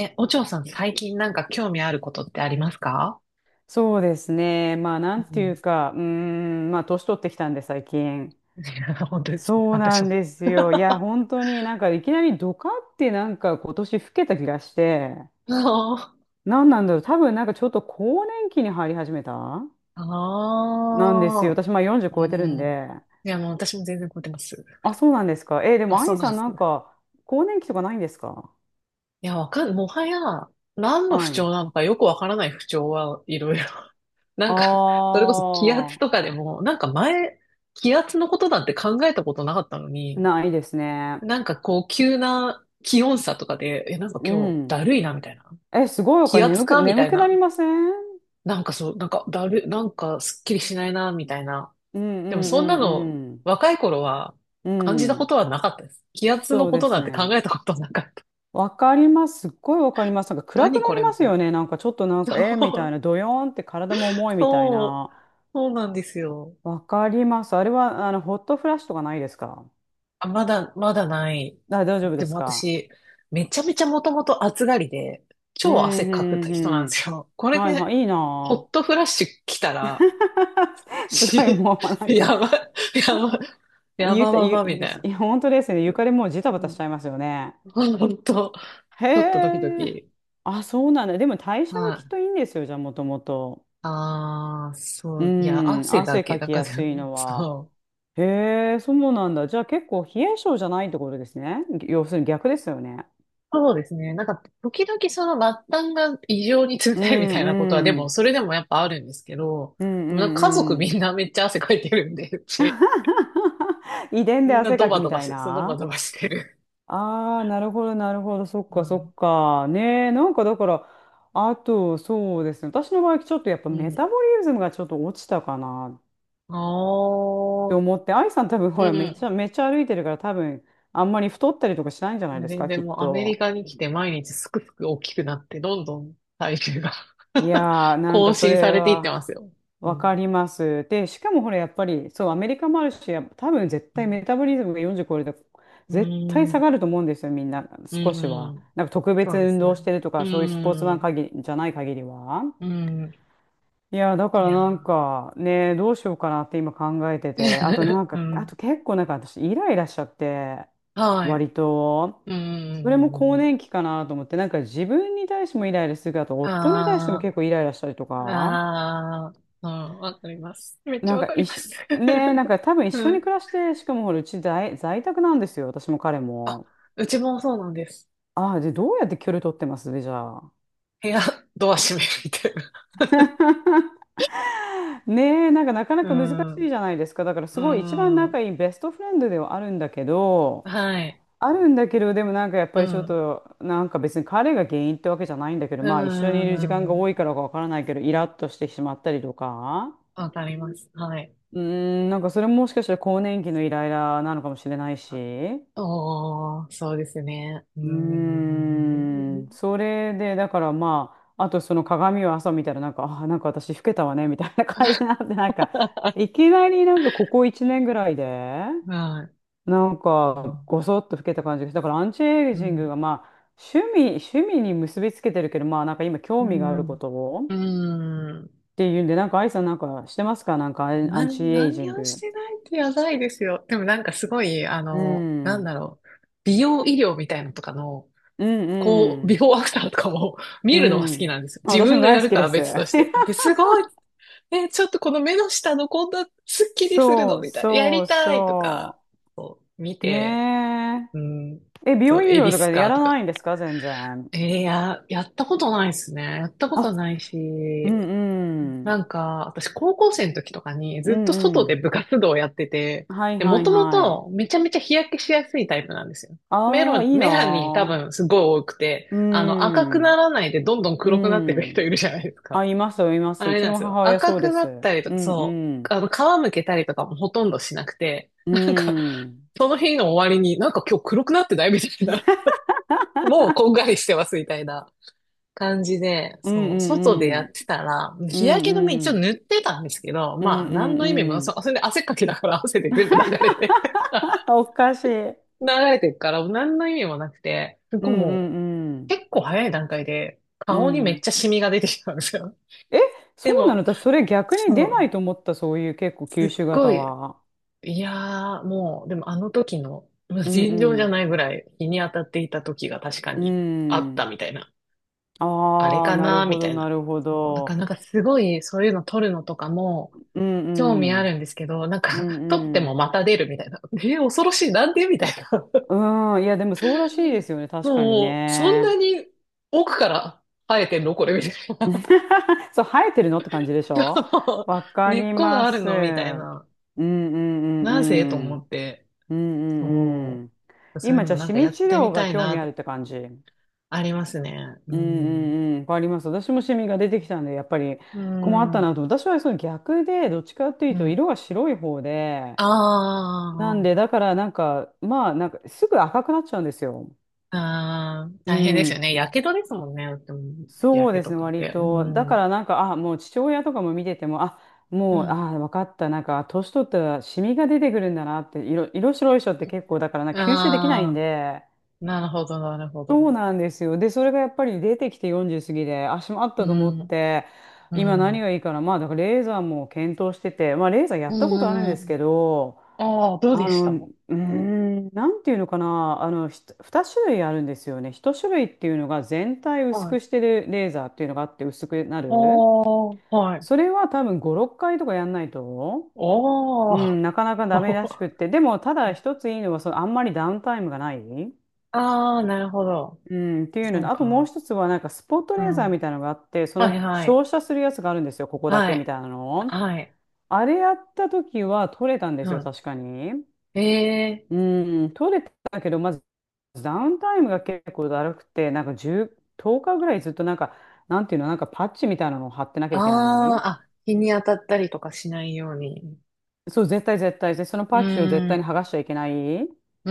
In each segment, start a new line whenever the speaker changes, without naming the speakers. え、お嬢さん、最近なんか興味あることってありますか？
そうですね。まあ、な
う
んていう
ん。
か、まあ、年取ってきたんで、最近。
本当ですね。
そうな
私も。
んですよ。いや、本当になんか、いきなりドカってなんか、今年老けた気がして、
ああ。
なんなんだろう。多分なんか、ちょっと更年期に入り始めた
あ
なんですよ。
あ、
私、まあ、40
う
超えてるん
ん。
で。
いや、もう私も全然超えてます。
あ、そうなんですか。えーで
あ、
も、ア
そ
イ
うなん
さ
で
ん
す。
なんか、更年期とかないんですか？
いや、わかん、もはや、何の不
は
調
い。
なのかよくわからない不調はいろいろ。な
あ
んか、それこそ気圧
ー、
とかでも、なんか前、気圧のことなんて考えたことなかったのに、
ないですね。
なんかこう、急な気温差とかで、え、なんか
う
今日
ん。
だるいな、みたいな。
え、すごい、こ
気
れ
圧
眠く、
かみた
眠
い
くなり
な。
ません？
なんかそう、なんかだる、なんかすっきりしないな、みたいな。
うんう
でもそんな
ん
の、
うん
若い頃は
う
感じ
ん。
た
う
こ
ん。
とはなかったです。気圧
そ
の
う
こ
で
と
す
なんて考
ね。
えたことなかった。
わかります。すっごいわかります。なんか暗く
何
な
こ
り
れ
ま
み
す
たいな。
よね。なんかちょっとなんか、えーみたい
そう、
な、ドヨーンって体も重いみたい
そう、
な。
そうなんですよ。
わかります。あれは、ホットフラッシュとかないですか？
あ、まだない。
あ、大丈夫で
で
す
も
か？
私、めちゃめちゃもともと暑がりで、
う
超汗
ん、
かく人な
う
ん
ん、
です
う
よ。こ
ん。
れ
はいは
で、
い、いい
ホ
な
ットフラッシュ来た
ぁ。
ら、
すごい
し、
もうな んか、
やば、やば、や
ゆ
ば
た、
ば
ゆ
ばみたいな。
ゆ本当ですね。床でもうジタバ
う
タし
ん。
ちゃいますよね。
本当、
へ
ちょっとドキド
え。
キ。
あ、そうなんだ。でも代謝が
は
きっ
い。
といいんですよ、じゃあ、もともと。
ああ、そ
う
う、いや、
ん、
汗だ
汗
け
か
だ
き
か
やす
ら、
い のは。
そう。
へえ、そうなんだ。じゃあ結構冷え性じゃないってことですね。要するに逆ですよね。
そうですね。なんか、時々その末端が異常に冷
う
たいみたいなことは、で
んう
も、
ん。
それでもやっぱあるんですけど、
うんう
でもなんか家族
んう
み
ん。
んなめっちゃ汗かいてるんで、うち。
遺 伝で
みんな
汗
ド
かき
バ
み
ドバ
たい
して、そのドバ
な。
ドバしてる。
ああ、なるほど、なるほど。そっ
う
か、そ
ん。
っか。ねえ、なんかだから、あと、そうですね。私の場合、ちょっとやっぱ
う
メ
ん。
タボリズムがちょっと落ちたかなっ
あ
て
あ、
思って、愛さん多分、ほ
う
ら、めっちゃ、
ん。
めっちゃ歩いてるから、多分、あんまり太ったりとかしないんじゃないです
全
か、き
然
っ
もうアメリ
と。
カに来て毎日すくすく大きくなって、どんどん体重が
い やー、なん
更
かそ
新さ
れ
れていってま
は
すよ。う
わか
ん。
ります。で、しかもほら、やっぱり、そう、アメリカもあるし、やっぱ多分絶
う
対
ん。
メタボリズムが40超えると、
うー
絶対下
ん。
がると思うんですよ、みんな、
う
少しは。
ん、
なんか特
そ
別
うで
運
すね。
動してると
う
か、そういうスポーツ
ー
マン
ん。
限りじゃない限りは。
うーん。
いやー、だか
い
ら
や
なんかね、どうしようかなって今考えて
ー。
て、あとな ん
う
か、あと
ん。
結構なんか私、イライラしちゃって、
はい。
割と。
う
それも更
ん。
年期かなと思って、なんか自分に対してもイライラするけど、あと夫に対しても
あ
結構イライラしたりと
あ。
か。
ああ。うん。わかります。めっちゃ
なん
わ
か
かり
一
ます。
緒、ねえ、なんか 多分一
う
緒に
ん。
暮らして、しかもほら、うち在宅なんですよ、私も彼
あ、
も。
うちもそうなんです。
ああ、で、どうやって距離取ってますね、じゃあ。
部屋、ドア閉めるみたいな。
ねえ、なんかなかな
う
か難しい
ん。
じゃないですか。だからす
う
ごい一番仲
ん。
いいベストフレンドではあるんだけど、
はい。
でもなんかやっ
う
ぱりちょっ
ん。
と、なんか別に彼が原因ってわけじゃないんだけど、
う
まあ一緒にいる時
ん。
間
う
が多
ん、
いからかわからないけど、イラッとしてしまったりとか、
わかります。はい。
うーなんかそれももしかしたら更年期のイライラなのかもしれないし。
おー、そうですね。う
うー
ん。
それで、だからまあ、あとその鏡を朝見たらなんか、あー、なんか私老けたわね、みたいな感じになって、なんか、いきなりなんかここ1年ぐらいで、
はい。
なんか、ごそっと老けた感じがして、だからアンチエ
う
イジング
ん。
がまあ、趣味に結びつけてるけど、まあなんか今
う
興味があるこ
ん。
とをっ
うん。
ていうんで、なんかアイさんなんかしてますか？なんかアンア
な、
ンチエイジ
何
ン
をし
グ。
てないってやばいですよ。でもなんかすごい、
うん、う
なん
ん、
だろう。美容医療みたいなのとかの、
う
こう、ビフ
ん、
ォーアフターとかも
う
見るのが好き
ん。
なんですよ。
あ、
自
私
分
も
がや
大好
る
き
か
で
は
す。
別として。で、すごい、え、ちょっとこの目の下のこんなスッキリする
そ
の
う
みたいな。や
そう
りたいとか
そ
見
う。
て、
ね
うん、
え。え、美容
と、
医
エ
療
ビ
とか
ス
や
かと
ら
か。
ないんですか全然？
やったことないですね。やったことない
あ、う
し、
んう
な
ん。
んか、私高校生の時とかに
う
ずっと
んう
外で
ん。
部活動をやってて、
はい
で、
は
も
い
とも
はい。
とめちゃめちゃ日焼けしやすいタイプなんですよ。
ああ、いいな
メラニン多
ー。
分すごい多くて、
う
赤くな
ん。
らないでどんどん
う
黒くなっていく人
ん。
いるじゃないです
あ、
か。
いますよ、います。
あ
う
れ
ち
なんで
の
すよ。
母親
赤
そうで
くな
す。
ったりと
う
か、
ん
そ
う
う。
ん。
あの、皮むけたりとかもほとんどしなくて、
う
なんか、
ん。
その日の終わりになんか今日黒くなってないみたいな。もうこんがりしてますみたいな感じで、
うん
そう、外で
う
や
ん
ってたら、
うん。う
日焼け止め一
んう
応
ん。
塗ってたんですけど、
うん
まあ、
う
何の意味も、
んう
そ、
ん。
それで汗っかきだから 汗で全部流れて
おかしい。うん
流れてるから、何の意味もなくて、
う
僕も
んうん。
う結構早い段階で
う
顔にめっ
ん。
ちゃシミが出てきたんですよ。
え、
で
そうなの
も、
私、それ逆に
そ
出ない
う、
と思った、そういう結構
す
吸
っ
収
ご
型
い、
は。
いやー、もう、でもあの時の、まあ
う
尋常じゃ
ん
ないぐらい日に当たっていた時が確か
うん。
にあっ
う
た
ん。
みたいな。あれ
ああ、
か
なる
なみ
ほ
た
ど、
いな。
なるほ
もう、なか
ど。
らなんかすごいそういうの撮るのとかも
うん
興味あ
う
る
ん。
んですけど、なん
う
か
ん
撮っ
う
ても
ん。
また出るみたいな。えー、恐ろしい。なんでみたいな。
うん、いや、でもそうらしいですよね、確かに
もう、そんな
ね。
に奥から生えてんのこれみたいな。
そう、生えてるのって感じでし ょ？
そ
わ
う、
か
根っ
り
こが
ま
ある
す。う
のみたい
ん
な。
うんう
なぜと
んう
思っ
ん。
て。
うんうんう
そ
ん。
う。そういう
今、
の
じゃ
も
あ、
なん
シ
か
ミ
やっ
治
て
療
み
が
たい
興味
な。
あるって感じ。
ありますね。う
うん
ん。
うんうん、わかります。私もシミが出てきたんで、やっぱり
う
困った
ん。
なと。私はその逆で、どっちかっていう
う
と、
ん。
色が白い方で、なんで、
あ
だからなんか、まあ、なんか、すぐ赤くなっちゃうんですよ。
あ、あー、
う
大変ですよ
ん。
ね。やけどですもんね。うん、や
そう
け
です
と
ね、
かっ
割
て。
と。だ
う
から
ん。
なんか、あ、もう父親とかも見てても、あ、
う
もう、
ん。
あ、分かった。なんか、年取ったらシミが出てくるんだなって、色白い人って結構、だからな、
あ
吸収できないん
あ、
で、
なるほど、なるほ
そう
ど。
なんですよ。で、それがやっぱり出てきて40過ぎで、足もあっ
う
たと思っ
ん、
て、
う
今何
ん。
がいいかな。まあ、だからレーザーも検討してて、まあ、レーザーやったことあるん
う
です
ん。
けど、
ああ、どう
あ
でし
の、
た？
う
はい。
なんていうのかな、2種類あるんですよね。1種類っていうのが全体薄
あ
くしてるレーザーっていうのがあって薄くなる。
あ、はい。
それは多分5、6回とかやんないと、う
おー。
ん、なかなかダメらしくっ て。でも、ただ一ついいのは、あんまりダウンタイムがない。
ああ、なるほど。
うん、っていうの
そ
で、
う
あともう
か。
一つはなんかスポット
う
レーザ
ん。
ーみたいなのがあって、そ
はい、
の
はい。
照射するやつがあるんですよ、ここだ
は
けみ
い。
たいなの。
はい。
あれやった時は取れたんですよ、
う
確かに。
ん。ええ、
うん、取れたけど、まずダウンタイムが結構だるくて、なんか10、10日ぐらいずっとなんか、なんていうの、なんかパッチみたいなのを貼ってなきゃ
あ
いけない。
あ、あ、日に当たったりとかしないように。
そう、絶対絶対。で、その
う
パッチを絶
ー
対に剥
ん。
がしちゃいけない。っ
う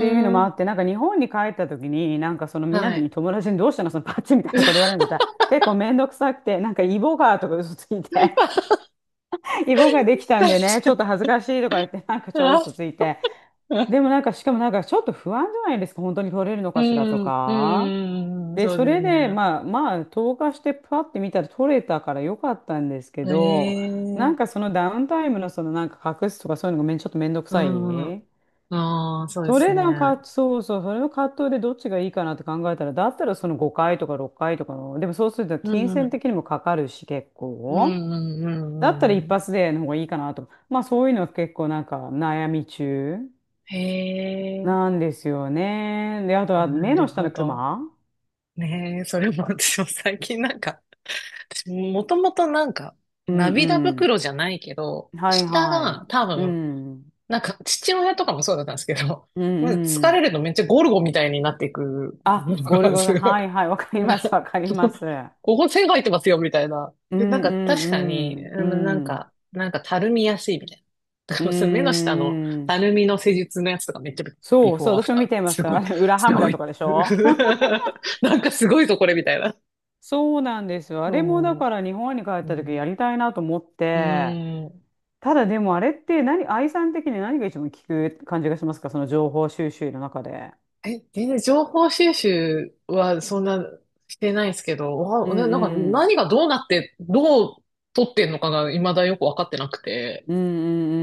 ていうのもあ
ん。
って、なんか日本に帰った時に、なんかそのみんな
は
に
い。
友達にどうしたのそのパッチみたいなこと言われ ることは結構めんどくさくて、なんかイボがとか嘘ついて、イボができたん
確
でね、ちょっ
か
と恥ずかしいとか言って、なんか超嘘ついて。でもなんかしかもなんかちょっと不安じゃないですか、本当に取れるのかしらと
に。うん、
か。
うん、
で、
そう
そ
で
れ
す
で、
ね。
まあまあ、投下してパッて見たら取れたからよかったんですけ
え
ど、
え
なん
ー、
かそのダウンタイムのそのなんか隠すとかそういうのがちょっとめんどく
う
さ
ん、
い。
ああ、そうで
そ
す
れ
ね。
なんか、そうそう、それの葛藤でどっちがいいかなって考えたら、だったらその5回とか6回とかの、でもそうすると
うん、
金
う
銭
ん、
的にもかかるし、結
うん、
構。
うん、う
だったら
ん。
一
うん、
発での方がいいかなと。まあそういうのは結構なんか悩み中
へえ、
なんですよね。で、あとは
な
目の
る
下
ほ
のク
ど。
マ。
ねえ、それも私も最近なんか、私もともとなんか、
う
涙
ん
袋じゃないけど、
うん。はい
下
は
が
い。
多
う
分
ん。
なんか、父親とかもそうだったんですけど、
う
まず
んう
疲
ん。
れるとめっちゃゴルゴみたいになっていく
あ、
の
ゴル
が、
ゴさ
す
ん。
ごい。
はいはい。わか り
なん
ます。
か
わかります。
ここ線が入ってますよ、みたいな。
う
で、なん
ん
か
う
確かに、
んう
うん、なん
ん。うん。
か、なんかたるみやすいみたいな。だ
う
からその目の下の
ー
た
ん。
るみの施術のやつとかめっちゃビ
そう
フォ
そう、
ーア
私
フ
も見
ター。
てまし
す
た。
ご
あ
い、
れ、裏羽
すご
村と
い。
かでしょ？
なんかすごいぞ、これ、みたいな。
そうなんですよ。あれもだか
そ
ら日本に帰っ
う。う
た時
ん。
やりたいなと思っ
う
て、
ん。
ただでもあれって何、愛さん的に何が一番効く感じがしますか、その情報収集の中で。
え、全然情報収集はそんなしてないですけど、
う
わ、な
ん
なんか
うん。
何がどうなって、どう取ってんのかが未だよくわかってなくて、
うんう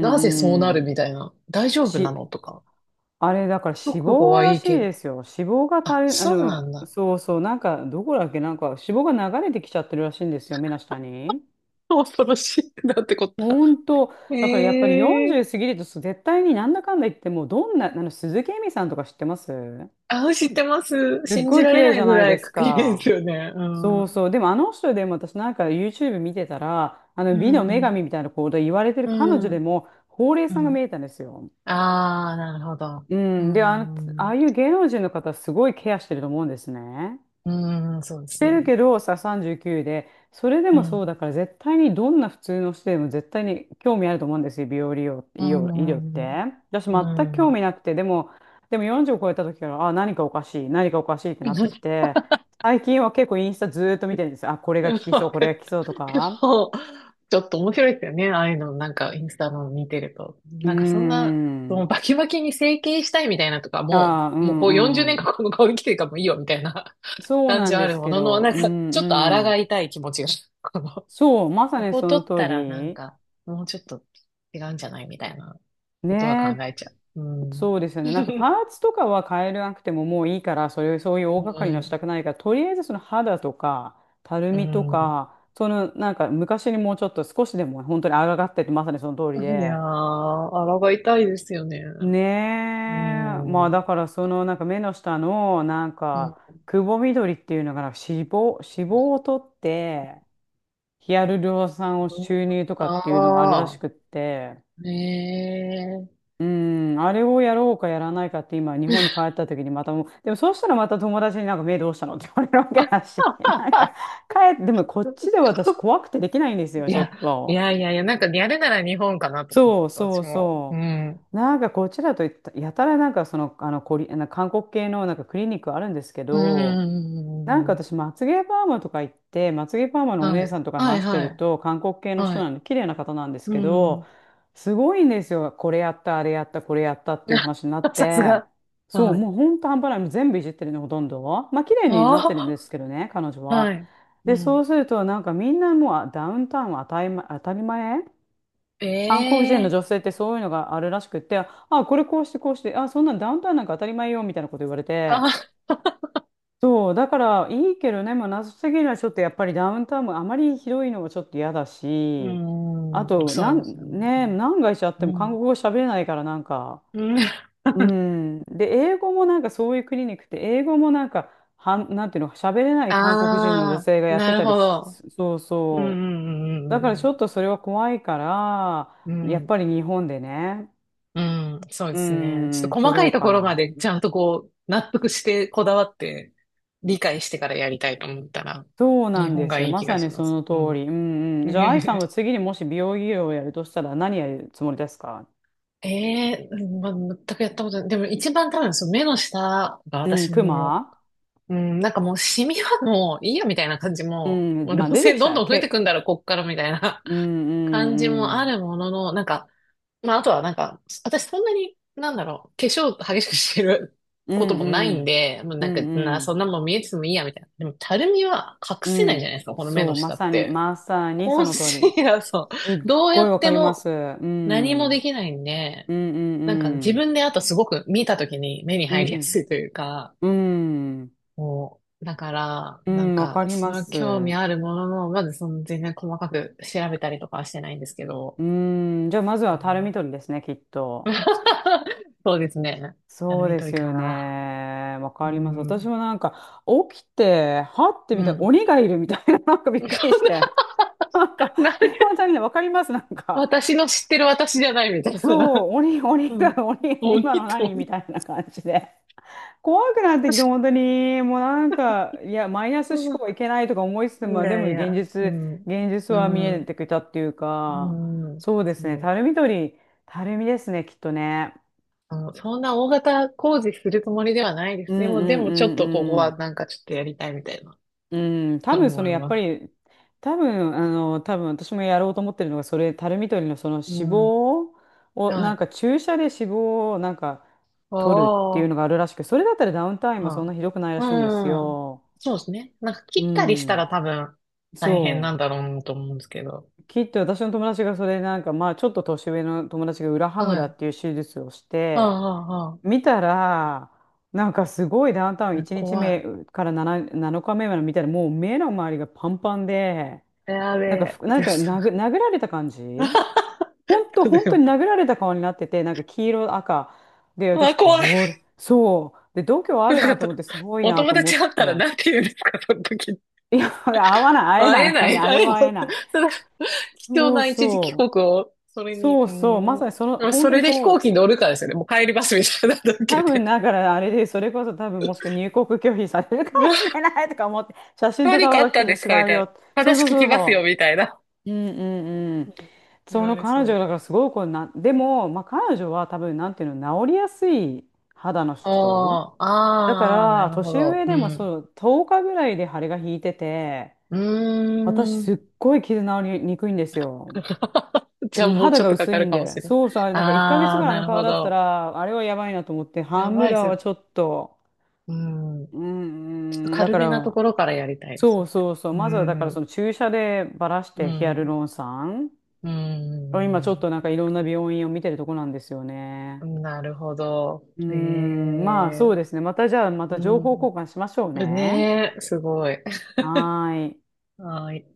なぜそうな
うんう
る
ん。
みたいな、大丈夫な
し、
のとか、
あれだから
直
脂
後
肪
は
ら
いい
しい
けど、
ですよ。脂肪がた
あ、
る、あ
そうな
の、
んだ。
そうそう、なんかどこだっけ、なんか脂肪が流れてきちゃってるらしいんですよ、目の下に。
恐ろしい。なんてこった。
本当、だからやっぱり
ええ、
40過ぎるとそう絶対になんだかんだ言って、もうどんな、あの鈴木恵美さんとか知ってます？
あ、知ってます。
すっ
信じ
ごい
ら
綺
れな
麗じ
い
ゃ
ぐ
ない
ら
で
い
す
確認です
か。
よね。う
そう
ん。
そう。でもあの人でも、私なんか YouTube 見てたら、あ
う
の美の女
ん。
神みたいなこと言われてる彼女
う
で
ん。
も、ほうれい
う
線が見
ん。
えたんですよ。
ああ、なるほど。
う
う
ん。で、あの、ああ
ん。
いう芸能人の方はすごいケアしてると思うんですね。
うん、そうで
し
す
てる
ね。
けどさ、39で、それで
う
もそう
ん。
だから、絶対にどんな普通の人でも絶対に興味あると思うんですよ、美容利用、医
う
療、医療っ
ん。うん。
て。私全
う
く興味
ん、
なくて、でも、でも40を超えた時から、あ、何かおかしい、何かおかしいってなってきて、最近は結構インスタずーっと見てるんです。あ、これが効きそう、
わ
こ
か
れが
る。
効きそうと
で
か。
もちょっと面白いですよね。ああいうの、なんか、インスタの見てると。
うー
なんか、そんな、その
ん。
バキバキに整形したいみたいなとか、も
ああ、う
う、もうこう40
んう
年
ん。
間この顔に来てるからもういいよみたいな
そう
感
な
じ
ん
はあ
で
る
す
も
け
のの、
ど、
なん
う
か、
ん。
ちょっと
う
抗
ん。
いたい気持ちが、この、
そう、まさ
こ
に
こ
そ
取
の
っ
通
たらなん
り。
か、もうちょっと違うんじゃないみたいなことは考
ね
えちゃう。う
え。
ん。
そうですよね。なんかパ ーツとかは変えなくてももういいから、それ、そういう大
う
掛かりのし
ん。
たくないから、とりあえずその肌とか、たる
う
みと
ん。
か、そのなんか昔にもうちょっと少しでも本当にあがってって、まさにその通り
いや
で。
ー、抗いたいですよね。
ね
う
え。まあ
ん。う
だ
ん。
から、そのなんか目の下のなんか、くぼみ取りっていうのが、なんか脂肪、脂肪を取って、ヒアルロン酸を注入とかっていうのがあるらし
あ
くって、
あ、ね
うん、あれをやろうかやらないかって今、日本に帰
え。
った時にまたもう、でもそうしたらまた友達になんか目どうしたのって言われるわけ
あ
だし、なんか
あ、
帰って、でもこっちで私怖くてできないんです
い
よ、ちょ
や、
っと。
なんかやるなら日本かなと思っ
そう
たんです、
そ
私
う
も。う
そ
ん。
う。なんかこっちだとやたらなんかその、あの、あの韓国系のなんかクリニックあるんですけど、
う
なんか
ん。
私、まつげパーマとか行って、まつげパーマのお
は
姉
い。
さんとか
はい、
話して
は
る
い。
と、韓国系の
は
人な
い。
んで、綺麗な方なんです
う
けど、
ん。
すごいんですよ。これやった、あれやった、これやったっていう 話になっ
さす
て、
が。
そう、
はい。
もうほんと半端ない。もう全部いじってるの、ほとんど。まあ、綺麗になってるん
あ
ですけどね、彼女
あ、は
は。
い。う
で、そ
ん。
うすると、なんかみんな、もうあ、ダウンタウンは当たり前、当たり前。韓国人の
ええ、
女性ってそういうのがあるらしくって、あ、これこうしてこうして、あ、そんなんダウンタウンなんか当たり前よ、みたいなこと言われて、
あ、
そう、だからいいけどね、もう謎すぎるのはちょっと、やっぱりダウンタウンもあまりひどいのはちょっと嫌だ
う
し、あ
ん。
と、
そうですよね。
ね、何回しちゃって
う
も韓
ん。
国語喋れないからなんか、
うん。
う ん。で、英語もなんかそういうクリニックって、英語もなんか、なんていうの、喋れない韓国人の女
ああ、
性がやっ
な
て
る
たり
ほ
し、
ど。
そう
う
そう。
ん、うん、
だからち
う
ょっ
ん、
とそれは怖いから、
うん、う
やっぱ
ん。
り日本でね、
うん、そうで
う
すね。ちょっと
ん、
細
取
か
ろ
い
う
と
か
ころま
な。
でちゃんとこう、納得してこだわって理解してからやりたいと思ったら、
そう
日
なん
本
で
が
すよ。
いい
ま
気が
さ
し
に
ま
そ
す。
の
う
通り。
ん。
うん うん。じゃあ、愛さ
ね
んは次にもし美容医療をやるとしたら何やるつもりですか？
え。ええ、まあ、全くやったことない。でも一番多分その目の下が
うん、
私
ク
も、
マ。
うん、なんかもうシミはもういいやみたいな感じ
う
も、
ん、
もうど
まあ
う
出て
せ
きち
どん
ゃう。
どん増えてくんだろ、こっからみたいな
う んう
感じも
んう
あ
ん。
るものの、なんか、まあ、あとはなんか、私そんなに、なんだろう、化粧激しくしてる
う
こと
ん
もな
う
いん
ん。
で、もう
う
なんか、
んう
な、そ
ん
んなもん見えててもいいや、みたいな。でも、たるみは隠
う
せないじゃ
ん。
ないですか、この目
そ
の
う、ま
下っ
さに、
て。
まさに
コ
そ
ン
の通
シ
り。
ーラー、そ
す
う、
っ
どうや
ごい
っ
わか
て
りま
も
す。う
何もで
ん。
きないんで、
うんう
なんか自
ん
分であとすごく見た時に目に
う
入りや
ん。
すいというか、
うん。うん。
もう、だから、
う
なん
ん、わか
か、
り
そ
ま
の興味
す。
あるものの、まずその全然細かく調べたりとかはしてないんですけど、
うん。じゃあ、まず
う
はたるみ
ん。
取りですね、きっと。
そうですね。あの、
そうで
緑
す
か
よ
な。
ね。わ
う
かります。私
ん。
もなんか、起きて、はって
う
みたいな、
ん。
鬼がいるみたいな、なんかびっ くりし
そ
て。なんか、
んな、な、
本当にね、わかります、なんか。
私の知ってる私じゃないみたいな。
そう、鬼、鬼
うん。
が、鬼、今の
鬼と
何み
鬼。
たいな感じで。怖くなってきて、本当に、もうなんか、いや、マイナス
う
思
ん、
考はいけないとか思いつつ
い
も、で
や
も
いや、
現
う
実、
ん。
現実
う
は見え
ん。
てきたっていう
う
か、
ん。
そうです
そ
ね、た
う。
るみ取り、たるみですね、きっとね。
あの、そんな大型工事するつもりではないです。
うん
でも、で
うん
もちょっ
う
とここ
んう
は
ん。
なんかちょっとやりたいみたいな
うん、多分そ
思
の
い
やっ
ま
ぱ
す。
り、多分あの、多分私もやろうと思ってるのが、それ、タルミ取りのその脂
うん。
肪を、
は
なん
い。
か注射で脂肪をなんか取るってい
あ
う
あ。
のがあるらしく、それだったらダウンタイムはそ
は
んな
い。
ひどくないらしいんです
うん。
よ。
そうですね。なんか
う
切ったりした
ん、
ら多分大変な
そ
ん
う。
だろうなと思うんですけど。
きっと私の友達がそれなんか、まあちょっと年上の友達が裏ハム
は
ラ
い。
っていう手術をし
は
て、
あ、はあ、は
見たら、なんかすごいダウンタウン
あ、
1日
怖
目
い。
から 7日目まで見たらもう目の周りがパンパンで、
やべ
なんかふ
え。
く、な
で
んていう
す。
か、殴られた感じ、 ほんと、
で
本当
も、
に殴られた顔になってて、なんか黄色、赤。で、
あ、
私、
怖い。
これ、そう。で、度胸ある
な
な
ん
と
か
思って、すごい
お
な
友
と思っ
達会ったら
て。
なんて言うんですか、その時。
いや、会え
会
な
えな
い、
い。
あれ
会えな
は
い。
会え
そ
ない。
れ貴重
そう
な一時帰国
そう。
を、それに、
そうそう。ま
う
さにその、
ーん。
本
そ
当に
れで飛
そ
行機に
う。
乗るかですよね。もう帰りますみたいなのだけ
多分、
で、
だからあれで、それこそ多分、もしくは入国拒否されるか
うわ、
もしれないとか思って、写真と
何
か
かあ
は
ったんですかみ
違う
たいな。
よ。そう
話
そう
聞
そ
き
う
ますよ、
そ
みたいな。
う。うんうんう
う
ん。
ん、言
そ
わ
の
れ
彼
そ
女だから
う。
すごいこうな、でも、まあ、彼女は多分なんていうの、治りやすい肌の人
あー、
だか
ああ、な
ら、
るほ
年
ど。
上
う
でも
ん。
そう、10日ぐらいで腫れが引いてて、
う
私
ー
すっ
ん。
ごい傷治りにくいんですよ。
じゃあ
うん、
もう
肌
ちょっ
が
とか
薄
か
い
る
ん
かも
で。
しれん。
そうそう、あれなんか1ヶ月
ああ、
ぐらいあ
な
の
る
顔
ほ
だった
ど。
ら、あれはやばいなと思って、ハ
や
ン
ば
ム
いっ
ラーは
す。
ちょっと、
うん。
う
ちょっと
んうん、だ
軽
か
めなと
ら、
ころからやりたいです
そ
ね。
うそうそう、
う
まずはだからその
ん。
注射でばらし
う
てヒアル
ん。
ロン酸。
う
今ちょっ
ん。
となんかいろんな病院を見てるとこなんですよ
う
ね。
ん、なるほど。
うー
ね
ん、まあそ
え。
うですね。またじゃあ、ま
う
た情報交
ん。
換しましょうね。
ねえ、すごい。
はーい。
はい。